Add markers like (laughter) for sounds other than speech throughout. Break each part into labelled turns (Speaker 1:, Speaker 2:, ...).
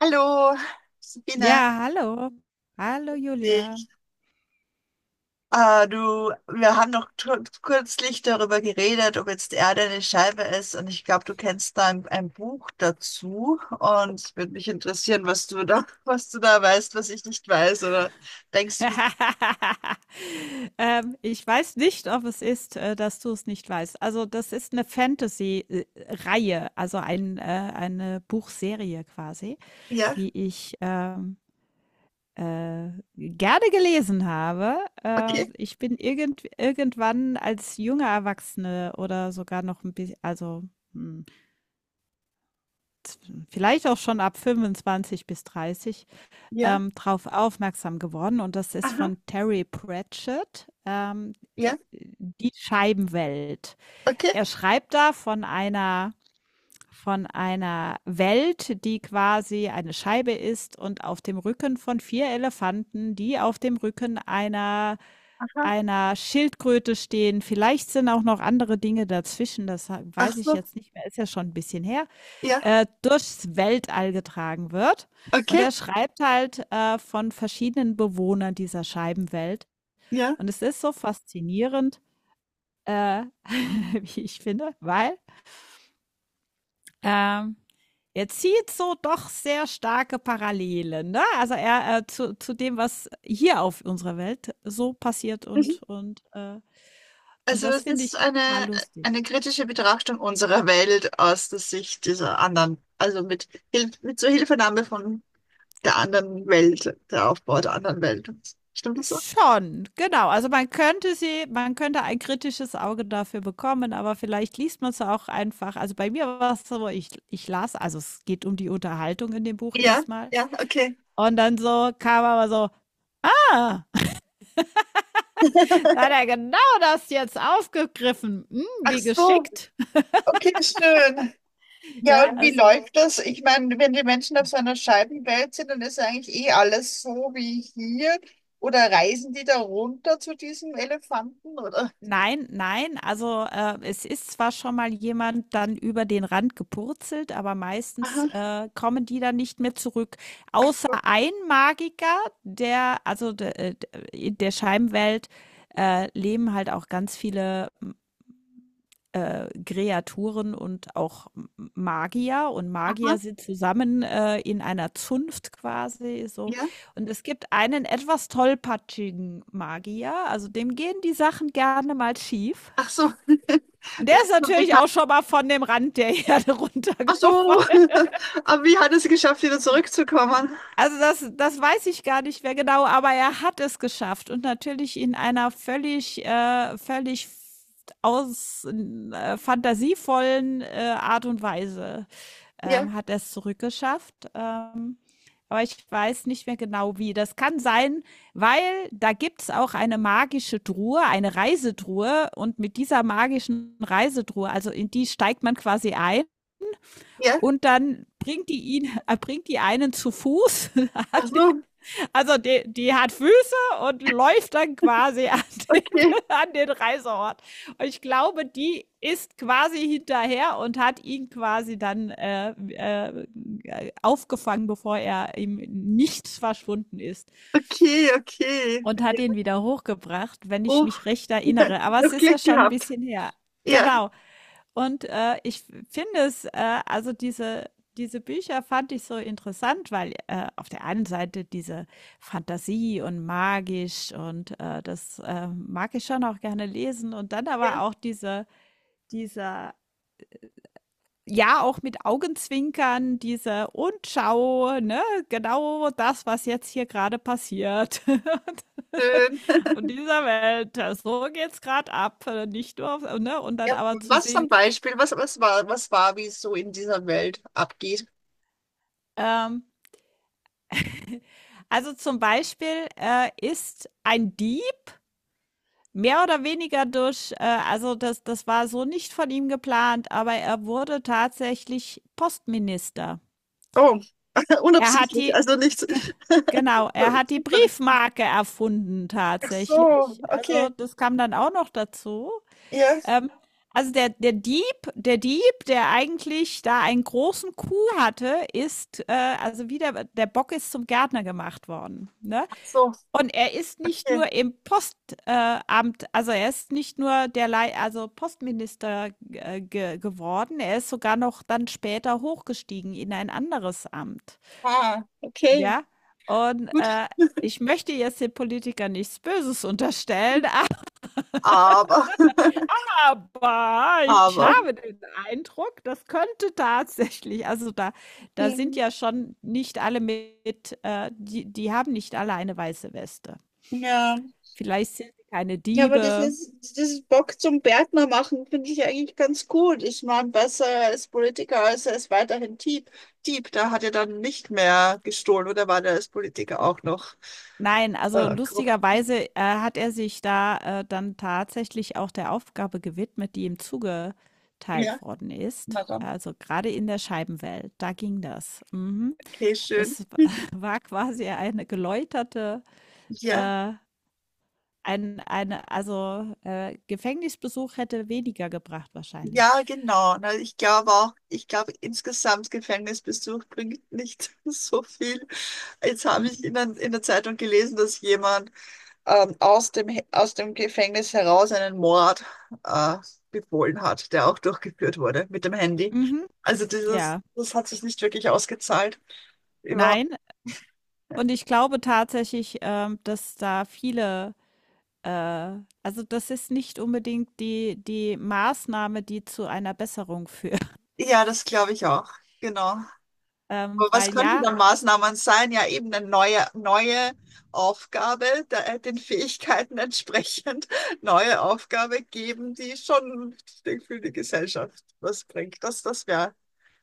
Speaker 1: Hallo, Sabine.
Speaker 2: Ja, hallo. Hallo Julia.
Speaker 1: Ich, du, wir haben kürzlich darüber geredet, ob jetzt die Erde eine Scheibe ist. Und ich glaube, du kennst da ein Buch dazu. Und es würde mich interessieren, was du da, (laughs) was du da weißt, was ich nicht weiß. Oder denkst du,
Speaker 2: (laughs) Ich weiß nicht, ob es ist, dass du es nicht weißt. Also, das ist eine Fantasy, Reihe, also eine Buchserie quasi,
Speaker 1: ja,
Speaker 2: die ich, äh, gerne gelesen habe.
Speaker 1: okay,
Speaker 2: Ich bin irgendwann als junge Erwachsene oder sogar noch ein bisschen, hm, vielleicht auch schon ab 25 bis 30
Speaker 1: ja,
Speaker 2: drauf aufmerksam geworden, und das ist
Speaker 1: aha,
Speaker 2: von Terry Pratchett,
Speaker 1: ja,
Speaker 2: Die Scheibenwelt.
Speaker 1: okay,
Speaker 2: Er schreibt da von einer Welt, die quasi eine Scheibe ist und auf dem Rücken von vier Elefanten, die auf dem Rücken einer
Speaker 1: aha,
Speaker 2: einer Schildkröte stehen. Vielleicht sind auch noch andere Dinge dazwischen, das
Speaker 1: ach
Speaker 2: weiß ich
Speaker 1: so,
Speaker 2: jetzt nicht mehr, ist ja schon ein bisschen her,
Speaker 1: ja,
Speaker 2: durchs Weltall getragen wird. Und
Speaker 1: okay,
Speaker 2: er schreibt halt von verschiedenen Bewohnern dieser Scheibenwelt.
Speaker 1: ja.
Speaker 2: Und es ist so faszinierend, äh, (laughs) wie ich finde, weil ähm, er zieht so doch sehr starke Parallelen. Ne? Also er zu dem, was hier auf unserer Welt so passiert, und und
Speaker 1: Also
Speaker 2: das
Speaker 1: es
Speaker 2: finde ich
Speaker 1: ist
Speaker 2: total lustig.
Speaker 1: eine kritische Betrachtung unserer Welt aus der Sicht dieser anderen, also Hilf mit zur Hilfenahme von der anderen Welt, der Aufbau der anderen Welt. Stimmt das so?
Speaker 2: Schon, genau. Also, man könnte sie, man könnte ein kritisches Auge dafür bekommen, aber vielleicht liest man es auch einfach. Also, bei mir war's so, ich las, also, es geht um die Unterhaltung in dem Buch
Speaker 1: Ja,
Speaker 2: erstmal,
Speaker 1: ja, okay.
Speaker 2: und dann so kam aber so: „Ah, da hat
Speaker 1: (laughs)
Speaker 2: er genau das jetzt aufgegriffen. Hm,
Speaker 1: Ach
Speaker 2: wie
Speaker 1: so,
Speaker 2: geschickt.“ (laughs)
Speaker 1: okay, schön. Ja,
Speaker 2: Ja,
Speaker 1: ja, und wie
Speaker 2: also
Speaker 1: läuft das? Ich meine, wenn die Menschen auf so einer Scheibenwelt sind, dann ist eigentlich eh alles so wie hier. Oder reisen die da runter zu diesem Elefanten? Oder?
Speaker 2: Nein, nein. Also, es ist zwar schon mal jemand dann über den Rand gepurzelt, aber meistens,
Speaker 1: Aha,
Speaker 2: kommen die dann nicht mehr zurück.
Speaker 1: ach
Speaker 2: Außer
Speaker 1: so,
Speaker 2: ein Magiker, der also, de de in der Scheibenwelt, leben halt auch ganz viele, Kreaturen und auch M Magier, und Magier
Speaker 1: aha,
Speaker 2: sind zusammen, in einer Zunft quasi so.
Speaker 1: ja.
Speaker 2: Und es gibt einen etwas tollpatschigen Magier, also dem gehen die Sachen gerne mal schief.
Speaker 1: Ach so, (laughs)
Speaker 2: Und der
Speaker 1: der
Speaker 2: ist
Speaker 1: ist schon
Speaker 2: natürlich
Speaker 1: bekannt.
Speaker 2: auch schon mal von dem Rand der Erde (laughs)
Speaker 1: Ach
Speaker 2: runtergefallen.
Speaker 1: so, (laughs) aber wie hat es geschafft, wieder zurückzukommen?
Speaker 2: Also das, das weiß ich gar nicht mehr genau, aber er hat es geschafft, und natürlich in einer völlig, völlig aus fantasievollen Art und Weise
Speaker 1: Ja,
Speaker 2: hat er es zurückgeschafft. Aber ich weiß nicht mehr genau wie. Das kann sein, weil da gibt es auch eine magische Truhe, eine Reisetruhe. Und mit dieser magischen Reisetruhe, also in die steigt man quasi ein,
Speaker 1: ja,
Speaker 2: und dann bringt die ihn, (laughs) bringt die einen zu Fuß. (laughs)
Speaker 1: ach so,
Speaker 2: Also die, die hat Füße und läuft dann quasi an den,
Speaker 1: okay,
Speaker 2: (laughs) an den Reiseort. Und ich glaube, die ist quasi hinterher und hat ihn quasi dann aufgefangen, bevor er ihm nichts verschwunden ist.
Speaker 1: okay, okay.
Speaker 2: Und hat ihn wieder hochgebracht, wenn ich
Speaker 1: Oh,
Speaker 2: mich recht
Speaker 1: (laughs)
Speaker 2: erinnere. Aber es
Speaker 1: noch
Speaker 2: ist ja
Speaker 1: Glück
Speaker 2: schon ein
Speaker 1: gehabt.
Speaker 2: bisschen her.
Speaker 1: Ja,
Speaker 2: Genau. Und ich finde es, also diese, diese Bücher fand ich so interessant, weil auf der einen Seite diese Fantasie und magisch und das mag ich schon auch gerne lesen. Und dann
Speaker 1: ja,
Speaker 2: aber auch diese, dieser, ja, auch mit Augenzwinkern, diese und schau, ne, genau das, was jetzt hier gerade passiert. (laughs)
Speaker 1: schön.
Speaker 2: Von dieser Welt. Ja, so geht's gerade ab, nicht nur auf, ne? Und dann
Speaker 1: Ja,
Speaker 2: aber zu
Speaker 1: was ist ein
Speaker 2: sehen,
Speaker 1: Beispiel? Wie es so in dieser Welt abgeht?
Speaker 2: ähm, also zum Beispiel ist ein Dieb mehr oder weniger durch, also das, das war so nicht von ihm geplant, aber er wurde tatsächlich Postminister.
Speaker 1: Oh, (laughs)
Speaker 2: Er hat
Speaker 1: unabsichtlich,
Speaker 2: die,
Speaker 1: also nichts.
Speaker 2: (laughs)
Speaker 1: (laughs)
Speaker 2: genau,
Speaker 1: So,
Speaker 2: er hat die
Speaker 1: zufällig.
Speaker 2: Briefmarke erfunden
Speaker 1: Ach so,
Speaker 2: tatsächlich. Also
Speaker 1: okay,
Speaker 2: das kam dann auch noch dazu.
Speaker 1: ja,
Speaker 2: Ähm, also der, der Dieb, der Dieb, der eigentlich da einen großen Coup hatte, ist, also wie der, der Bock ist zum Gärtner gemacht worden. Ne?
Speaker 1: ach so,
Speaker 2: Und er ist nicht
Speaker 1: okay.
Speaker 2: nur im Postamt, Amt, also er ist nicht nur der Lei also Postminister ge geworden, er ist sogar noch dann später hochgestiegen in ein anderes Amt.
Speaker 1: Ah, okay,
Speaker 2: Ja, und
Speaker 1: gut.
Speaker 2: ich möchte jetzt den Politikern nichts Böses unterstellen.
Speaker 1: Aber, (laughs)
Speaker 2: Aber ich
Speaker 1: aber.
Speaker 2: habe den Eindruck, das könnte tatsächlich, also da da sind
Speaker 1: Mhm.
Speaker 2: ja schon nicht alle mit die die haben nicht alle eine weiße Weste.
Speaker 1: Ja.
Speaker 2: Vielleicht sind sie keine
Speaker 1: Ja, aber das
Speaker 2: Diebe.
Speaker 1: ist, dieses Bock zum Gärtner machen finde ich eigentlich ganz gut. Ich meine, besser als Politiker als er ist weiterhin Dieb. Dieb, da hat er dann nicht mehr gestohlen oder war der als Politiker auch noch
Speaker 2: Nein, also
Speaker 1: grob?
Speaker 2: lustigerweise, hat er sich da, dann tatsächlich auch der Aufgabe gewidmet, die ihm
Speaker 1: Ja,
Speaker 2: zugeteilt worden ist.
Speaker 1: na dann.
Speaker 2: Also gerade in der Scheibenwelt, da ging das. Mhm.
Speaker 1: Okay, schön.
Speaker 2: Das (laughs) war quasi eine geläuterte,
Speaker 1: Ja,
Speaker 2: äh Ein eine also, Gefängnisbesuch hätte weniger gebracht wahrscheinlich.
Speaker 1: ja, genau. Na, ich glaube auch, ich glaube insgesamt Gefängnisbesuch bringt nicht (laughs) so viel. Jetzt habe ich
Speaker 2: Mhm.
Speaker 1: in der Zeitung gelesen, dass jemand aus dem Gefängnis heraus einen Mord äh, befohlen hat, der auch durchgeführt wurde mit dem Handy.
Speaker 2: Mhm,
Speaker 1: Also dieses,
Speaker 2: ja.
Speaker 1: das hat sich nicht wirklich ausgezahlt. Überhaupt.
Speaker 2: Nein, und ich glaube tatsächlich, dass da viele äh, also, das ist nicht unbedingt die die Maßnahme, die zu einer Besserung führt, (laughs)
Speaker 1: Ja, das glaube ich auch. Genau.
Speaker 2: ähm,
Speaker 1: Aber was
Speaker 2: weil
Speaker 1: könnten
Speaker 2: ja,
Speaker 1: dann Maßnahmen sein? Ja, eben eine neue Aufgabe, der, den Fähigkeiten entsprechend (laughs) neue Aufgabe geben, die schon für die Gesellschaft was bringt. Das, das wäre.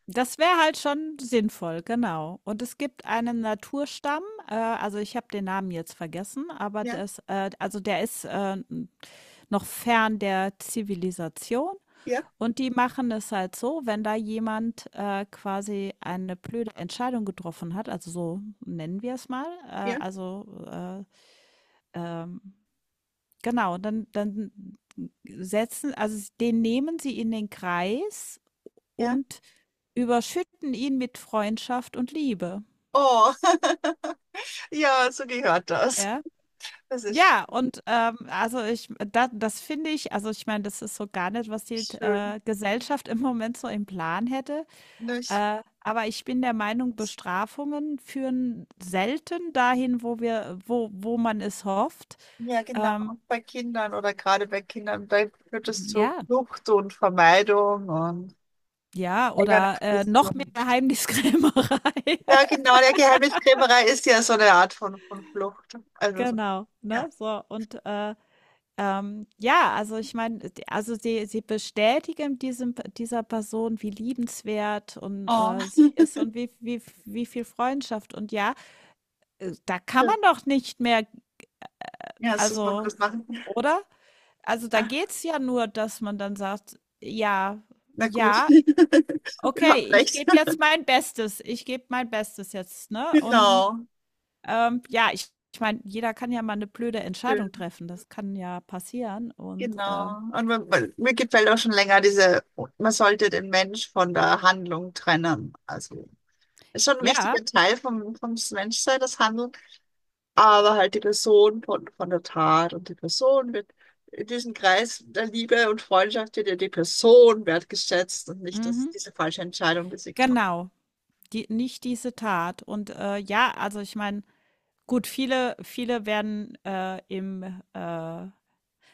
Speaker 2: das wäre halt schon sinnvoll, genau. Und es gibt einen Naturstamm, also ich habe den Namen jetzt vergessen, aber
Speaker 1: Ja,
Speaker 2: das, also der ist, noch fern der Zivilisation.
Speaker 1: ja,
Speaker 2: Und die machen es halt so, wenn da jemand quasi eine blöde Entscheidung getroffen hat, also so nennen wir es mal,
Speaker 1: ja,
Speaker 2: ähm, genau, dann, dann setzen, also den nehmen sie in den Kreis
Speaker 1: ja.
Speaker 2: und überschütten ihn mit Freundschaft und Liebe.
Speaker 1: Oh. (laughs) Ja, so gehört das.
Speaker 2: Ja.
Speaker 1: Das ist
Speaker 2: Ja, und also ich, da, das finde ich, also ich meine, das ist so gar nicht, was die
Speaker 1: schön.
Speaker 2: Gesellschaft im Moment so im Plan hätte.
Speaker 1: Ne, ich,
Speaker 2: Aber ich bin der Meinung, Bestrafungen führen selten dahin, wo wir wo man es hofft.
Speaker 1: ja, genau.
Speaker 2: Ähm,
Speaker 1: Und bei Kindern oder gerade bei Kindern, da führt es zu
Speaker 2: ja,
Speaker 1: Flucht und Vermeidung und
Speaker 2: ja, oder, noch mehr
Speaker 1: Eigenaggression.
Speaker 2: Geheimniskrämerei.
Speaker 1: Ja,
Speaker 2: (laughs)
Speaker 1: genau. Der Geheimniskrämerei ist ja so eine Art von Flucht. Also, so,
Speaker 2: Genau,
Speaker 1: ja.
Speaker 2: ne, so und, ja, also ich meine, d also sie bestätigen diesem dieser Person, wie liebenswert und,
Speaker 1: Oh,
Speaker 2: sie ist und wie wie wie viel Freundschaft, und ja, da kann man
Speaker 1: schön.
Speaker 2: doch nicht mehr,
Speaker 1: Ja, so soll man
Speaker 2: also,
Speaker 1: das machen.
Speaker 2: oder? Also, da
Speaker 1: Ah,
Speaker 2: geht's ja nur, dass man dann sagt: „Ja,
Speaker 1: na gut.
Speaker 2: ja,
Speaker 1: (laughs)
Speaker 2: okay,
Speaker 1: Überhaupt
Speaker 2: ich
Speaker 1: recht.
Speaker 2: gebe jetzt mein Bestes. Ich gebe mein Bestes jetzt“, ne? Und,
Speaker 1: Genau.
Speaker 2: ja, ich meine, jeder kann ja mal eine blöde Entscheidung
Speaker 1: Schön.
Speaker 2: treffen. Das kann ja passieren und,
Speaker 1: Genau. Und mir gefällt auch schon länger diese, man sollte den Mensch von der Handlung trennen. Also ist schon ein
Speaker 2: ja,
Speaker 1: wichtiger Teil vom Menschsein, das Handeln, aber halt die Person von der Tat und die Person wird in diesem Kreis der Liebe und Freundschaft wird ja die Person wertgeschätzt und nicht das,
Speaker 2: mhm,
Speaker 1: diese falsche Entscheidung, die sie getroffen
Speaker 2: genau, die nicht diese Tat. Und, ja, also, ich meine, gut, viele werden,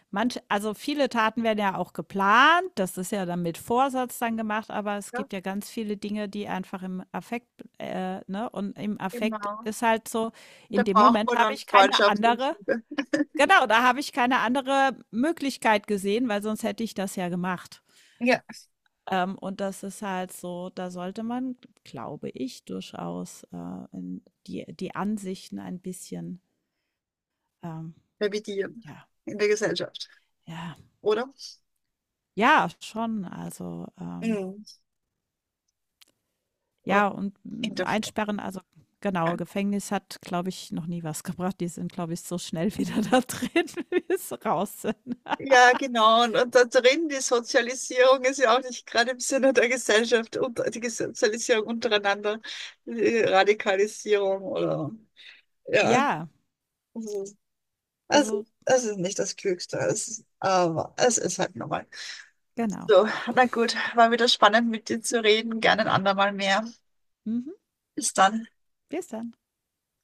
Speaker 2: Manche, also viele Taten werden ja auch geplant, das ist ja dann mit Vorsatz dann gemacht, aber es
Speaker 1: hat. Ja,
Speaker 2: gibt ja ganz viele Dinge, die einfach im Affekt ne, und im Affekt
Speaker 1: genau.
Speaker 2: ist halt so,
Speaker 1: Und da
Speaker 2: in dem
Speaker 1: braucht
Speaker 2: Moment
Speaker 1: man
Speaker 2: habe
Speaker 1: dann
Speaker 2: ich keine
Speaker 1: Freundschaft und
Speaker 2: andere
Speaker 1: Liebe.
Speaker 2: genau, da habe ich keine andere Möglichkeit gesehen, weil sonst hätte ich das ja gemacht.
Speaker 1: Ja.
Speaker 2: Und das ist halt so, da sollte man, glaube ich, durchaus in die die Ansichten ein bisschen, ähm,
Speaker 1: Revidieren
Speaker 2: ja,
Speaker 1: in der Gesellschaft,
Speaker 2: ja,
Speaker 1: oder?
Speaker 2: ja, schon, also,
Speaker 1: Mhm. Oder
Speaker 2: Ja, und,
Speaker 1: in
Speaker 2: hm,
Speaker 1: der Freundschaft.
Speaker 2: einsperren, also genau, Gefängnis hat, glaube ich, noch nie was (laughs) gebracht. Die sind, glaube ich, so schnell (laughs) wieder da drin, (laughs) wie es raus sind.
Speaker 1: Ja, genau. Und da drin, die Sozialisierung ist ja auch nicht gerade im Sinne der Gesellschaft, und die Sozialisierung untereinander, die Radikalisierung oder ja.
Speaker 2: Ja,
Speaker 1: Also, also,
Speaker 2: also
Speaker 1: das ist nicht das Klügste. Es ist, aber es ist halt normal.
Speaker 2: genau.
Speaker 1: So, na gut, war wieder spannend mit dir zu reden. Gerne ein andermal mehr.
Speaker 2: Mhm.
Speaker 1: Bis dann.
Speaker 2: Bis dann.